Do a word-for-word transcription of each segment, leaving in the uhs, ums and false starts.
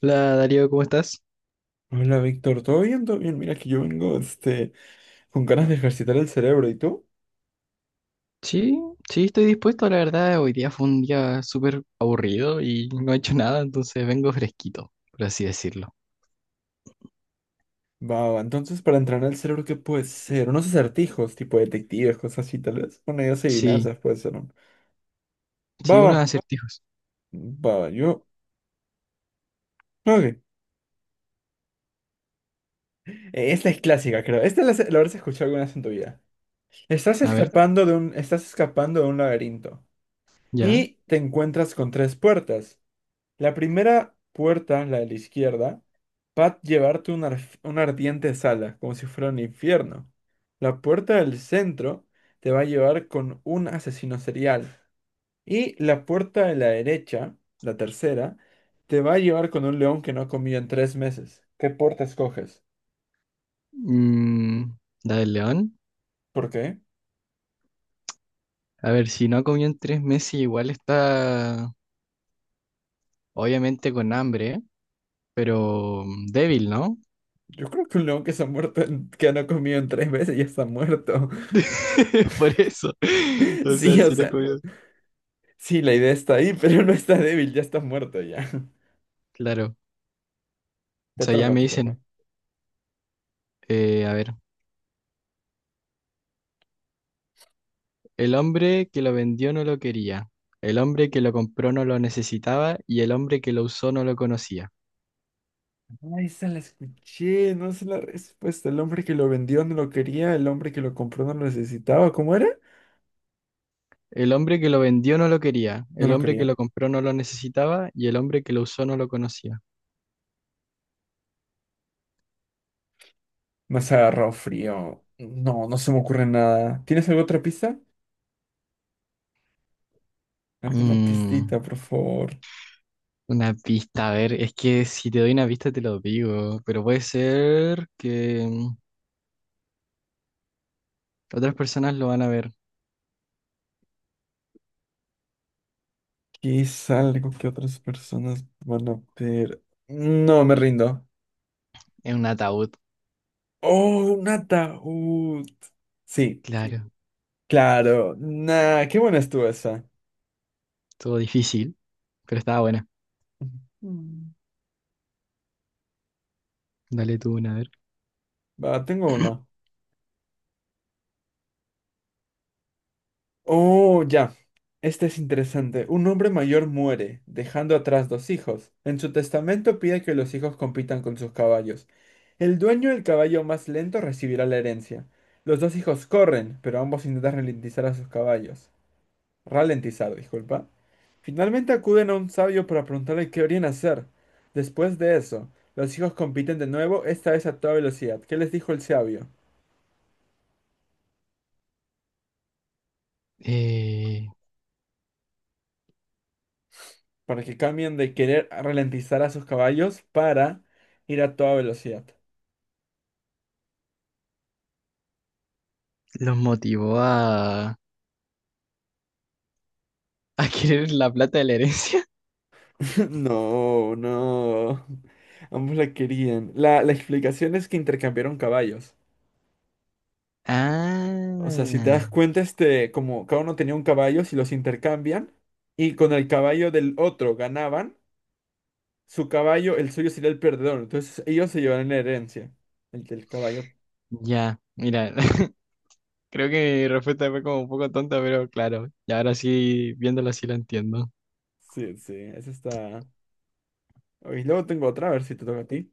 Hola Darío, ¿cómo estás? Hola Víctor, ¿todo bien? ¿Todo bien? Mira que yo vengo este, con ganas de ejercitar el cerebro, ¿y tú? Sí, sí, estoy dispuesto, la verdad. Hoy día fue un día súper aburrido y no he hecho nada, entonces vengo fresquito, por así decirlo. Va, va, entonces para entrenar el cerebro, ¿qué puede ser? Unos acertijos, tipo detectives, cosas así, tal vez. Bueno, ideas y Sí, adivinanzas puede ser, ¿no? Va, sí, va, unos acertijos. va, va, yo... Ok. Eh, esta es clásica, creo. Esta la, la habrás escuchado alguna vez en tu vida. Estás A ver, escapando de un, estás escapando de un laberinto ya. y te encuentras con tres puertas. La primera puerta, la de la izquierda, va a llevarte a una, arf- una ardiente sala, como si fuera un infierno. La puerta del centro te va a llevar con un asesino serial. Y la puerta de la derecha, la tercera, te va a llevar con un león que no ha comido en tres meses. ¿Qué puerta escoges? Mm, la del león. ¿Por qué? A ver, si no ha comido en tres meses, igual está obviamente con hambre, ¿eh? Pero mm, débil, ¿no? Yo creo que un león que se ha muerto, en- que no ha comido en tres meses ya está muerto. Por eso. O sea, Sí, o si no he sea, comido. sí, la idea está ahí, pero no está débil, ya está muerto ya. Claro. O Te sea, ya toca, me te toca. dicen, eh, a ver. El hombre que lo vendió no lo quería, el hombre que lo compró no lo necesitaba y el hombre que lo usó no lo conocía. Ahí se la escuché, no sé la respuesta. El hombre que lo vendió no lo quería, el hombre que lo compró no lo necesitaba. ¿Cómo era? El hombre que lo vendió no lo quería, No el lo hombre que quería. lo compró no lo necesitaba y el hombre que lo usó no lo conocía. Más agarrado frío. No, no se me ocurre nada. ¿Tienes alguna otra pista? ¿Alguna Mm, pistita, por favor? una pista, a ver, es que si te doy una pista te lo digo, pero puede ser que mm, otras personas lo van a ver ¿Qué es algo que otras personas van a ver? No, me rindo. en un ataúd. ¡Oh, un ataúd! Sí, Claro, claro. Nah, qué buena estuvo esa. todo difícil, pero estaba buena. Mm. Dale tú una, a ver. Va, tengo una. Oh, ya. Este es interesante. Un hombre mayor muere, dejando atrás dos hijos. En su testamento pide que los hijos compitan con sus caballos. El dueño del caballo más lento recibirá la herencia. Los dos hijos corren, pero ambos intentan ralentizar a sus caballos. Ralentizar, disculpa. Finalmente acuden a un sabio para preguntarle qué deberían hacer. Después de eso, los hijos compiten de nuevo, esta vez a toda velocidad. ¿Qué les dijo el sabio? Eh, Para que cambien de querer ralentizar a sus caballos para ir a toda velocidad. los motivó a, a querer la plata de la herencia. No, no. Ambos la querían. La, la explicación es que intercambiaron caballos. O sea, si te Ah, das cuenta, este, como cada uno tenía un caballo, si los intercambian y con el caballo del otro ganaban, su caballo, el suyo sería el perdedor. Entonces ellos se llevarán la herencia. El del caballo. ya, mira, creo que mi respuesta fue como un poco tonta, pero claro, y ahora sí, viéndolo así lo entiendo. Sí, sí, esa está. Y luego tengo otra, a ver si te toca a ti.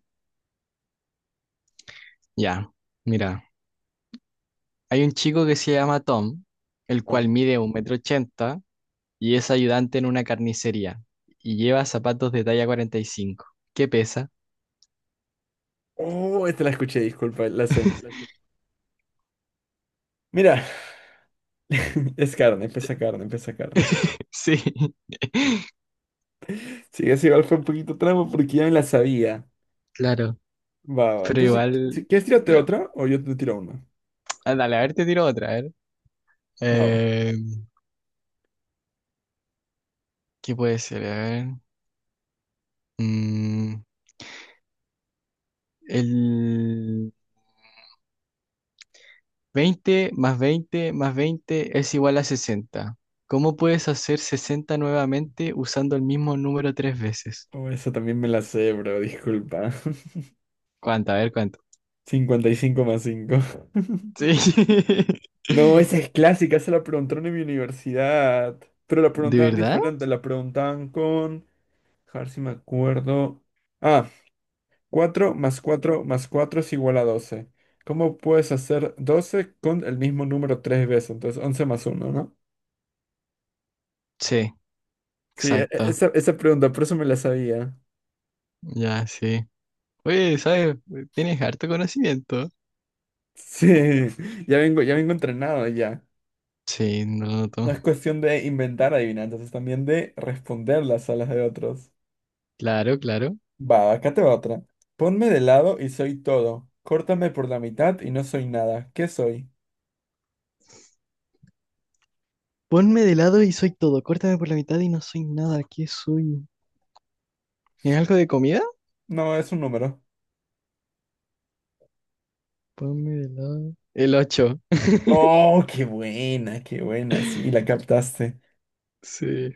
Ya, mira, hay un chico que se llama Tom, el cual No. mide un metro ochenta y es ayudante en una carnicería y lleva zapatos de talla cuarenta y cinco. ¿Qué pesa? Oh, esta la escuché, disculpa, la sé. Mira, es carne, pesa carne, pesa carne. Sí, Sí, ese igual fue un poquito trampa porque ya me la sabía. claro, Va, va. pero Entonces, si si igual... quieres, tírate era- otra o yo te tiro una. Ah, dale, a ver, te tiro otra, a ver. Va, va. Eh, ¿Qué puede ser? A ver. Mm, el... Veinte más veinte más veinte es igual a sesenta. ¿Cómo puedes hacer sesenta nuevamente usando el mismo número tres veces? Oh, esa también me la sé, bro, disculpa. ¿Cuánto? A ver, ¿cuánto? Cincuenta y cinco más cinco. Sí. No, esa es clásica, esa la preguntaron en mi universidad. Pero la ¿De preguntaban verdad? diferente, la preguntaban con... A ver si me acuerdo. Ah, cuatro más cuatro más cuatro es igual a doce. ¿Cómo puedes hacer doce con el mismo número tres veces? Entonces once más uno, ¿no? Sí, Sí, e- e- exacto. esa, esa pregunta, por eso me la sabía. Ya, sí. Oye, ¿sabes? Tienes harto conocimiento. Sí, ya vengo, ya vengo entrenado ya. Sí, no lo No noto. es cuestión de inventar adivinanzas, es también de responderlas a las de otros. Claro, claro. Va, acá te va otra. Ponme de lado y soy todo. Córtame por la mitad y no soy nada. ¿Qué soy? Ponme de lado y soy todo. Córtame por la mitad y no soy nada. ¿Qué soy? ¿Es algo de comida? No, es un número. Ponme de lado. El ocho. Oh, qué buena, qué buena. Sí, la captaste. Sí.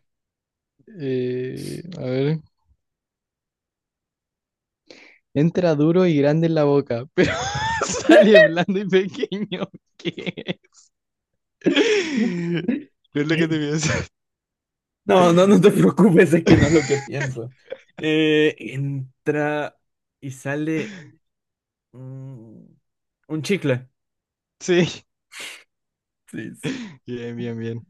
Eh, a ver. Entra duro y grande en la boca, pero sale blando y pequeño. ¿Qué? No es lo que te Eh, piensas. No, no, no te preocupes, es que no es lo que pienso. Eh, entra y sale mm, un chicle. Sí. Sí, sí. Bien, bien, bien.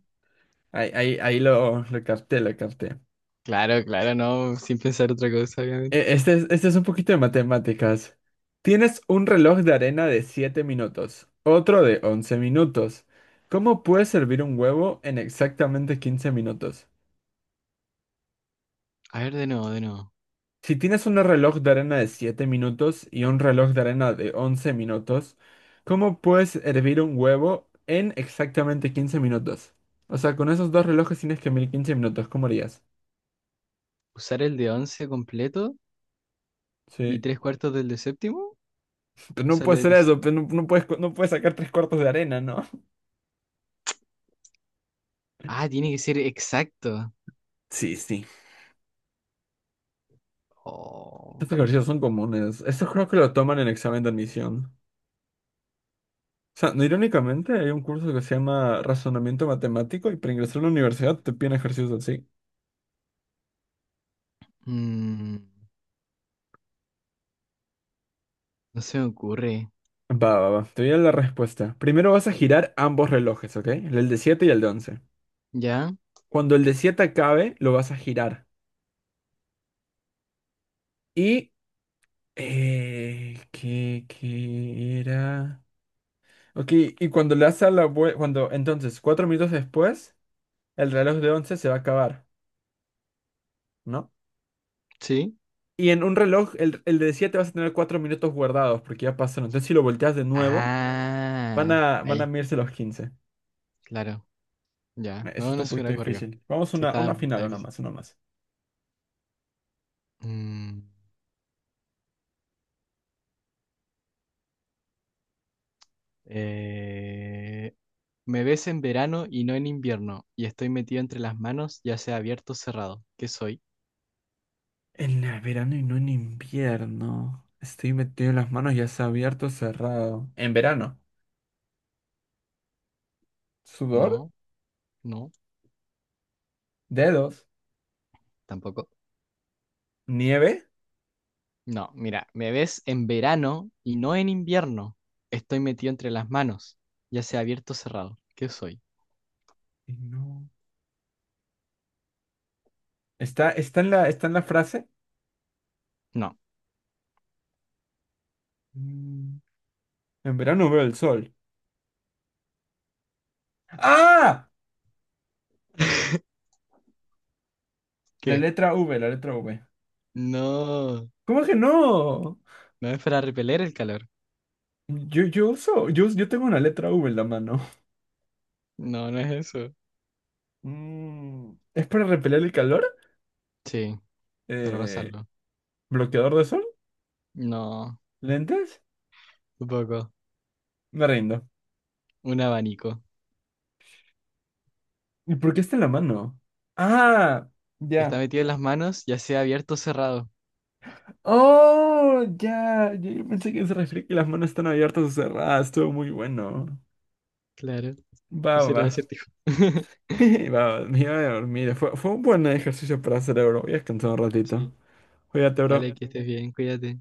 Ahí, ahí, ahí lo, lo capté, lo capté. Claro, claro, no, sin pensar otra cosa, obviamente. Eh, este es, este es un poquito de matemáticas. Tienes un reloj de arena de siete minutos, otro de once minutos. ¿Cómo puede servir un huevo en exactamente quince minutos? A ver, de nuevo, de nuevo. Si tienes un reloj de arena de siete minutos y un reloj de arena de once minutos, ¿cómo puedes hervir un huevo en exactamente quince minutos? O sea, con esos dos relojes tienes que medir quince minutos, ¿cómo harías? Usar el de once completo y Sí, tres cuartos del de séptimo. O pero no sea, el puede de- ser de sí- eso, pero no, no puedes, co- no puedes sacar tres cuartos de arena, ¿no? Ah, tiene que ser exacto. Sí, sí. Oh. Estos ejercicios son comunes. Esto creo que lo toman en examen de admisión. O sea, no, irónicamente hay un curso que se llama Razonamiento Matemático y para ingresar a la universidad te piden ejercicios así. Mm, no se me ocurre. Va, va, va. Te voy a dar la respuesta. Primero vas a girar ambos relojes, ¿ok? El de siete y el de once. ¿Ya? Cuando el de siete acabe, lo vas a girar. Y... Eh, ¿qué, qué era? Ok, y cuando le das a la vuelta... Cuando, entonces, cuatro minutos después, el reloj de once se va a acabar, ¿no? ¿Sí? Y en un reloj, el, el de siete vas a tener cuatro minutos guardados porque ya pasaron. Entonces, si lo volteas de nuevo, van Ah, a, van a ahí, medirse los quince. claro. Ya, Eh, Eso no, está no un se me poquito hubiera. difícil. Vamos Sí, una, está, una está final, una difícil. más, una más. Mm, eh, Me ves en verano y no en invierno, y estoy metido entre las manos, ya sea abierto o cerrado. ¿Qué soy? En la verano y no en invierno. Estoy metido en las manos, ya sea abierto o cerrado. En verano. Sudor, No, no, dedos, tampoco. nieve. No, mira, me ves en verano y no en invierno. Estoy metido entre las manos, ya sea abierto o cerrado. ¿Qué soy? Y no. Está, está en la, está en la frase. No. Mm, En verano veo el sol. ¡Ah! La ¿Qué? letra V, la letra V. No, ¿Cómo que no? no es para repeler el calor. Yo, yo uso, yo, yo tengo una letra V en la mano. No, no es eso. Mm, ¿Es para repeler el calor? Sí, para Eh, pasarlo. ¿bloqueador de sol? No, ¿Lentes? tampoco. Me rindo. Un abanico. ¿Y por qué está en la mano? Ah, Está ya. metido en las manos, ya sea abierto o cerrado. Oh, ya. Yo, yo pensé que se refería que las manos están abiertas o cerradas. Estuvo muy bueno. Claro, Va, ese era va. el acertijo. Va, va. Me iba a dormir. Fue, fue un buen ejercicio para el cerebro. Voy a descansar un ratito. Sí, Cuídate, dale, bro. que estés bien, cuídate.